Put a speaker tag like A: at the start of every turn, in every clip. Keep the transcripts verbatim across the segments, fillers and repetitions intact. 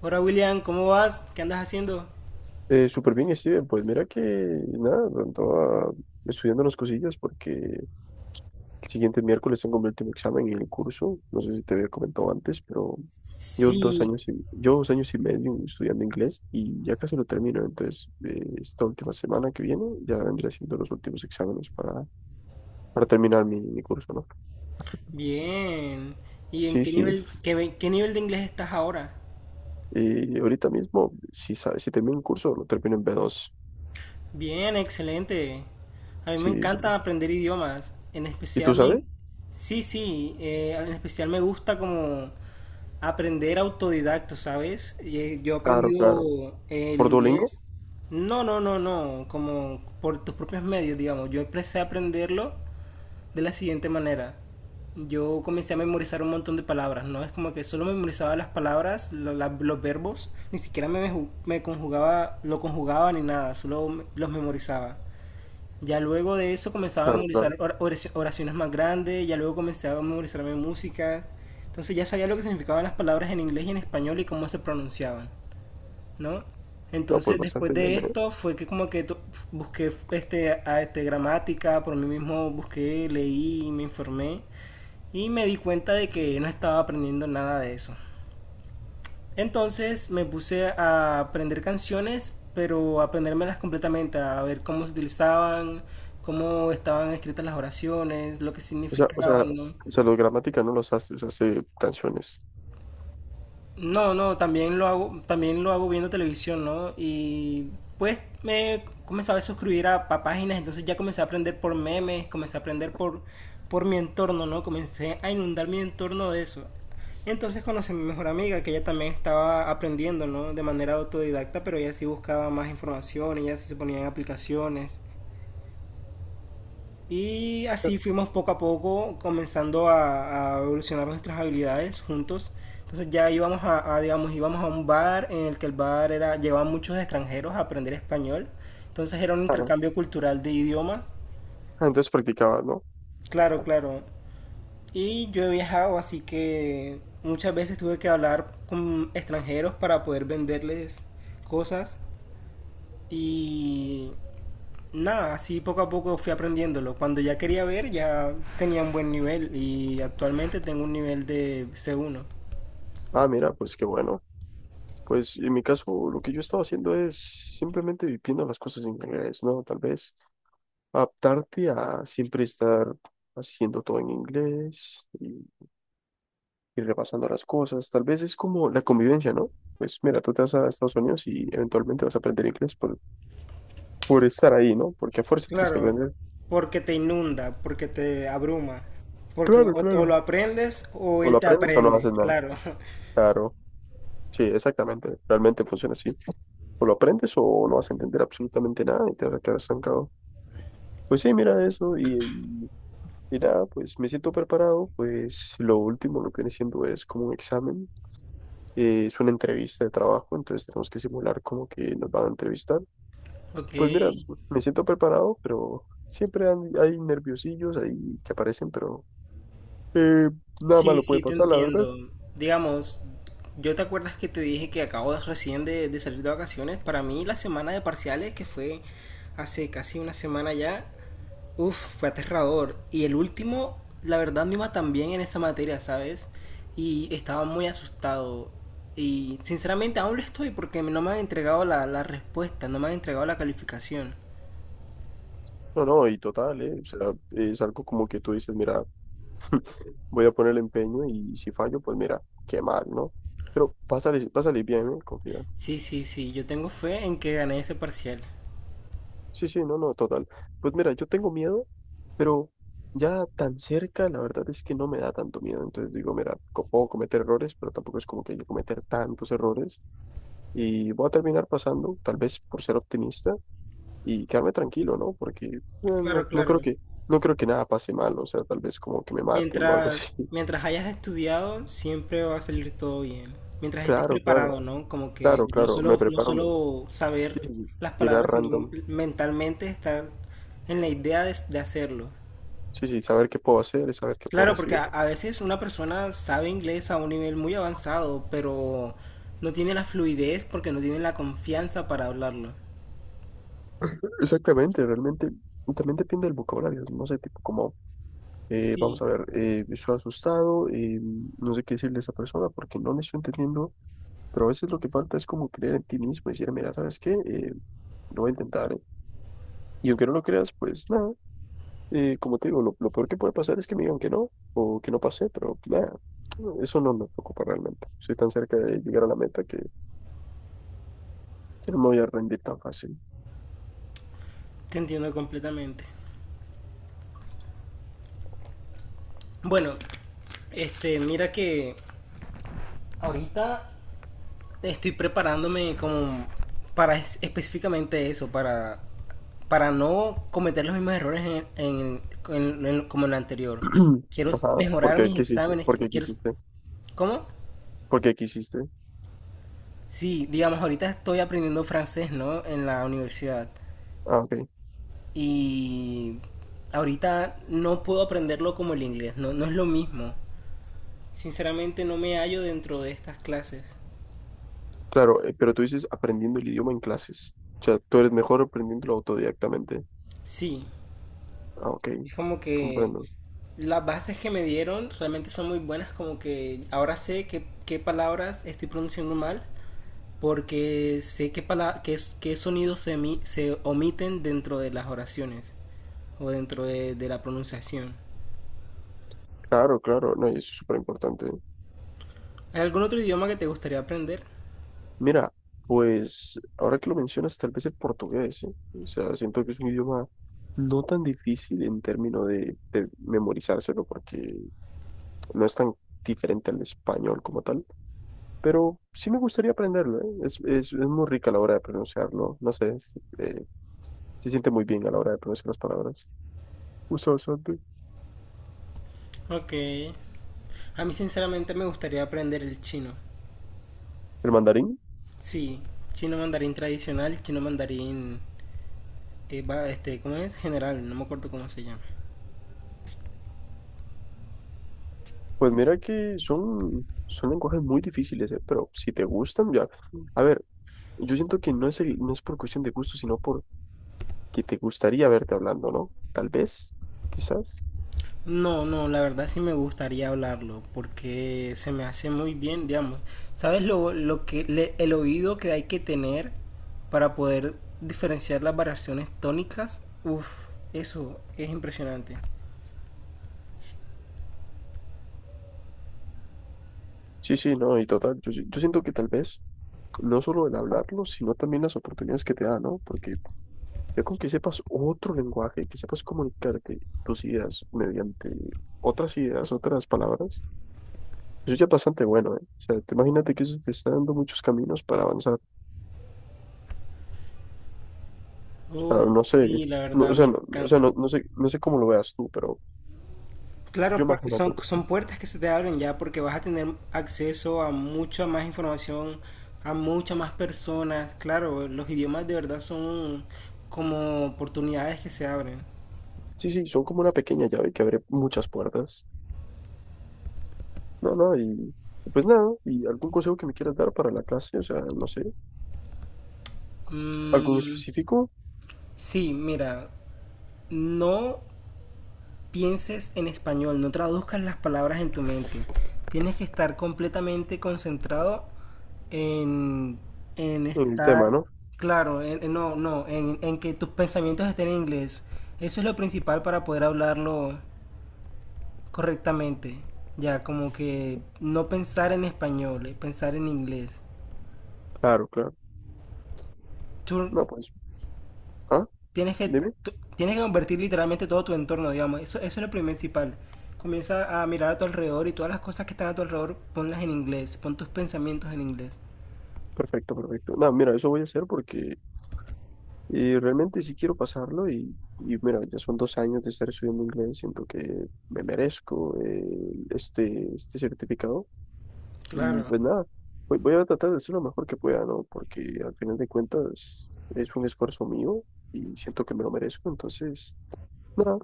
A: Hola William, ¿cómo vas? ¿Qué andas haciendo?
B: Eh, súper bien, Steven. Pues mira que nada, andaba estudiando unas cosillas porque el siguiente miércoles tengo mi último examen en el curso. No sé si te había comentado antes, pero yo dos
A: Sí,
B: años y, yo dos años y medio estudiando inglés y ya casi lo termino. Entonces, eh, esta última semana que viene ya vendré haciendo los últimos exámenes para, para terminar mi, mi curso, ¿no?
A: bien. ¿Y en
B: Sí,
A: qué
B: sí.
A: nivel, qué, ve- qué nivel de inglés estás ahora?
B: Y ahorita mismo, si, sa- si termino el curso, lo termino en B dos.
A: Bien, excelente. A mí me
B: Sí,
A: encanta
B: sí.
A: aprender idiomas. En
B: ¿Y tú
A: especial me...
B: sabes?
A: Sí, sí, eh, en especial me gusta como aprender autodidacto, ¿sabes? Y, eh, yo he
B: Claro, claro.
A: aprendido eh, el
B: ¿Por Duolingo?
A: inglés. No, no, no, no, como por tus propios medios, digamos. Yo empecé a aprenderlo de la siguiente manera. Yo comencé a memorizar un montón de palabras, ¿no? Es como que solo memorizaba las palabras, lo- la- los verbos, ni siquiera me, me conjugaba, lo conjugaba ni nada, solo los memorizaba. Ya luego de eso comenzaba a
B: Claro,
A: memorizar
B: claro.
A: or- oraci- oraciones más grandes, ya luego comencé a memorizarme música. Entonces ya sabía lo que significaban las palabras en inglés y en español y cómo se pronunciaban, ¿no?
B: No, pues
A: Entonces, después
B: bastante bien,
A: de
B: ¿eh?
A: esto, fue que como que to- busqué este, a este, gramática, por mí mismo busqué, leí, me informé y me di cuenta de que no estaba aprendiendo nada de eso. Entonces me puse a aprender canciones, pero a aprendérmelas completamente, a ver cómo se utilizaban, cómo estaban escritas las oraciones, lo que
B: O sea, o sea,
A: significaban, ¿no?
B: o sea, los gramática no los hace, los hace canciones.
A: No, no, también lo hago, también lo hago viendo televisión, ¿no? Y pues me comenzaba a suscribir a pa- páginas, entonces ya comencé a aprender por memes, comencé a aprender por, por mi entorno, ¿no? Comencé a inundar mi entorno de eso. Entonces conocí a mi mejor amiga, que ella también estaba aprendiendo, ¿no? De manera autodidacta, pero ella sí buscaba más información, ella sí se ponía en aplicaciones, y así fuimos poco a poco comenzando a, a evolucionar nuestras habilidades juntos. Entonces ya íbamos a, a, digamos, íbamos a un bar en el que el bar era, llevaban muchos extranjeros a aprender español. Entonces era un
B: Ah,
A: intercambio cultural de idiomas.
B: ah, entonces practicaba, ¿no?
A: Claro, claro. Y yo he viajado, así que muchas veces tuve que hablar con extranjeros para poder venderles cosas. Y nada, así poco a poco fui aprendiéndolo. Cuando ya quería ver, ya tenía un buen nivel y actualmente tengo un nivel de C uno.
B: Ah, mira, pues qué bueno. Pues en mi caso, lo que yo estaba haciendo es simplemente viviendo las cosas en inglés, ¿no? Tal vez adaptarte a siempre estar haciendo todo en inglés y, y repasando las cosas. Tal vez es como la convivencia, ¿no? Pues mira, tú te vas a Estados Unidos y eventualmente vas a aprender inglés por, por estar ahí, ¿no? Porque a fuerza tienes que
A: Claro,
B: aprender.
A: porque te inunda, porque te abruma, porque
B: Claro,
A: o, o lo
B: claro.
A: aprendes o
B: O
A: él
B: lo
A: te
B: aprendes o no
A: aprende,
B: haces nada.
A: claro.
B: Claro. Sí, exactamente. Realmente funciona así. O lo aprendes o no vas a entender absolutamente nada y te vas a quedar estancado. Pues sí, mira eso y, y, y nada, pues me siento preparado. Pues lo último, lo que viene siendo es como un examen, eh, es una entrevista de trabajo, entonces tenemos que simular como que nos van a entrevistar.
A: Ok,
B: Pues mira, me siento preparado, pero siempre han- hay nerviosillos ahí que aparecen, pero eh, nada
A: sí,
B: malo puede
A: sí, te
B: pasar, la verdad.
A: entiendo. Digamos, yo te acuerdas que te dije que acabo de- recién de, de salir de vacaciones. Para mí la semana de parciales, que fue hace casi una semana ya, uf, fue aterrador. Y el último, la verdad, me iba tan bien en esa materia, ¿sabes? Y estaba muy asustado. Y sinceramente aún lo estoy porque no me han entregado la, la respuesta, no me han entregado la calificación.
B: No, no, y total, eh, o sea, es algo como que tú dices, mira. Voy a poner el empeño y si fallo, pues mira, qué mal, ¿no? Pero va a salir, va a salir bien, ¿eh? Confía.
A: Sí, sí, sí, yo tengo fe en que gané ese parcial.
B: Sí, sí, no, no, total. Pues mira, yo tengo miedo, pero ya tan cerca, la verdad es que no me da tanto miedo. Entonces digo, mira, co- puedo cometer errores, pero tampoco es como que yo cometer tantos errores y voy a terminar pasando, tal vez por ser optimista y quedarme tranquilo, ¿no? Porque eh,
A: Claro,
B: no, no creo
A: claro.
B: que, no creo que nada pase mal, o sea, tal vez como que me maten o algo
A: Mientras,
B: así.
A: mientras hayas estudiado, siempre va a salir todo bien. Mientras estés
B: Claro, claro,
A: preparado, ¿no? Como que
B: claro,
A: no
B: claro, me
A: solo, no
B: preparo. me-
A: solo saber
B: Sí,
A: las
B: llegar
A: palabras, sino
B: random.
A: mentalmente estar en la idea de, de hacerlo.
B: Sí, sí, saber qué puedo hacer y saber qué puedo
A: Claro, porque
B: recibir.
A: a, a veces una persona sabe inglés a un nivel muy avanzado, pero no tiene la fluidez porque no tiene la confianza para hablarlo.
B: Exactamente, realmente. Y también depende del vocabulario. No sé, tipo como, eh, vamos
A: Sí,
B: a ver, eh, estoy asustado, eh, no sé qué decirle a esa persona porque no le estoy entendiendo, pero a veces lo que falta es como creer en ti mismo y decir, mira, ¿sabes qué? Eh, lo voy a intentar. eh". Y aunque no lo creas, pues nada, eh, como te digo, lo, lo peor que puede pasar es que me digan que no o que no pasé, pero nada, eso no me preocupa realmente. Soy tan cerca de llegar a la meta que que no me voy a rendir tan fácil.
A: te entiendo completamente. Bueno, este, mira que ahorita estoy preparándome como para es- específicamente eso, para, para no cometer los mismos errores en, en- en- en- como en el anterior. Quiero
B: Ajá, ¿por
A: mejorar
B: qué
A: mis
B: quisiste?
A: exámenes,
B: ¿Por
A: qui-
B: qué
A: quiero...
B: quisiste?
A: ¿Cómo?
B: ¿Por qué quisiste?
A: Sí, digamos, ahorita estoy aprendiendo francés, ¿no? En la universidad.
B: Ah, ok.
A: Y ahorita no puedo aprenderlo como el inglés, no, no es lo mismo. Sinceramente no me hallo dentro de estas clases.
B: Claro, eh, pero tú dices aprendiendo el idioma en clases. O sea, tú eres mejor aprendiéndolo autodidactamente.
A: Sí,
B: Ah, ok,
A: es como que
B: comprendo.
A: las bases que me dieron realmente son muy buenas, como que ahora sé qué, qué palabras estoy pronunciando mal, porque sé qué, pala- qué, qué sonidos se, emi- se omiten dentro de las oraciones o dentro de, de la pronunciación.
B: Claro, claro, no, y es súper importante.
A: ¿Hay algún otro idioma que te gustaría aprender?
B: Mira, pues ahora que lo mencionas, tal vez el portugués, ¿eh? O sea, siento que es un idioma no tan difícil en términos de, de memorizárselo, porque no es tan diferente al español como tal. Pero sí me gustaría aprenderlo, ¿eh? Es, es, es muy rica a la hora de pronunciarlo, no sé, es, eh, se siente muy bien a la hora de pronunciar las palabras. Usa bastante.
A: Ok. A mí sinceramente me gustaría aprender el chino.
B: ¿El mandarín?
A: Sí, chino mandarín tradicional, chino mandarín, eh, va- este, ¿cómo es? General, no me acuerdo cómo se llama.
B: Pues mira que son, son lenguajes muy difíciles, ¿eh? Pero si te gustan, ya. A ver, yo siento que no es, el- no es por cuestión de gusto, sino por que te gustaría verte hablando, ¿no? Tal vez, quizás.
A: No, no, la verdad sí me gustaría hablarlo porque se me hace muy bien, digamos. ¿Sabes lo, lo que le- el oído que hay que tener para poder diferenciar las variaciones tónicas? Uf, eso es impresionante.
B: Sí, sí, no, y total, yo, si- yo siento que tal vez no solo el hablarlo, sino también las oportunidades que te da, ¿no? Porque ya con que sepas otro lenguaje, que sepas comunicarte tus ideas mediante otras ideas, otras palabras, eso ya es bastante bueno, ¿eh? O sea, te imagínate que eso te está dando muchos caminos para avanzar. O sea,
A: Uf,
B: no sé,
A: sí, la
B: no,
A: verdad
B: o sea,
A: me
B: no, o sea,
A: encanta.
B: no, no sé, no sé cómo lo veas tú, pero yo
A: Claro, pa-
B: imagínate.
A: son,
B: ¿No?
A: son puertas que se te abren ya porque vas a tener acceso a mucha más información, a muchas más personas. Claro, los idiomas de verdad son como oportunidades que se abren.
B: Sí, sí, son como una pequeña llave que abre muchas puertas. No, no, y, y pues nada, ¿y algún consejo que me quieras dar para la clase? O sea, no sé, algún
A: Mm,
B: específico
A: sí, mira, no pienses en español, no traduzcas las palabras en tu mente. Tienes que estar completamente concentrado en, en
B: en el
A: estar,
B: tema, ¿no?
A: claro, en- en- no, no, en, en que tus pensamientos estén en inglés. Eso es lo principal para poder hablarlo correctamente. Ya, como que no pensar en español, eh, pensar en inglés.
B: Claro, claro.
A: Turn,
B: No, pues, ¿ah?
A: tienes que,
B: Dime.
A: tú- tienes que convertir literalmente todo tu entorno, digamos. Eso, eso es lo principal. Comienza a mirar a tu alrededor y todas las cosas que están a tu alrededor, ponlas en inglés. Pon tus pensamientos en inglés.
B: Perfecto, perfecto. No, mira, eso voy a hacer porque eh, realmente sí quiero pasarlo y, y mira, ya son dos años de estar estudiando inglés, siento que me merezco eh, este, este certificado y
A: Claro.
B: pues nada, voy, voy a tratar de hacer lo mejor que pueda, ¿no? Porque al final de cuentas es un esfuerzo mío y siento que me lo merezco, entonces, nada,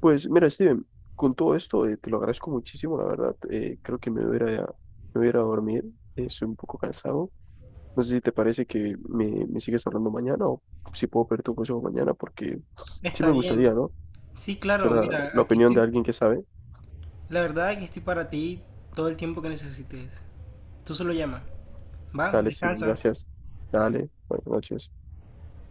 B: pues mira, Steven, con todo esto eh, te lo agradezco muchísimo, la verdad, eh, creo que me voy a ir a- me voy a ir a dormir, eh, estoy un poco cansado. No sé si te parece que me, me sigues hablando mañana o si puedo pedir tu consejo mañana, porque sí
A: Está
B: me
A: bien.
B: gustaría, ¿no?
A: Sí, claro,
B: Será
A: mira,
B: la
A: aquí
B: opinión de
A: estoy.
B: alguien que sabe.
A: La verdad, aquí estoy para ti todo el tiempo que necesites. Tú solo llama. Va,
B: Dale, sí,
A: descansa.
B: gracias. Dale, buenas noches.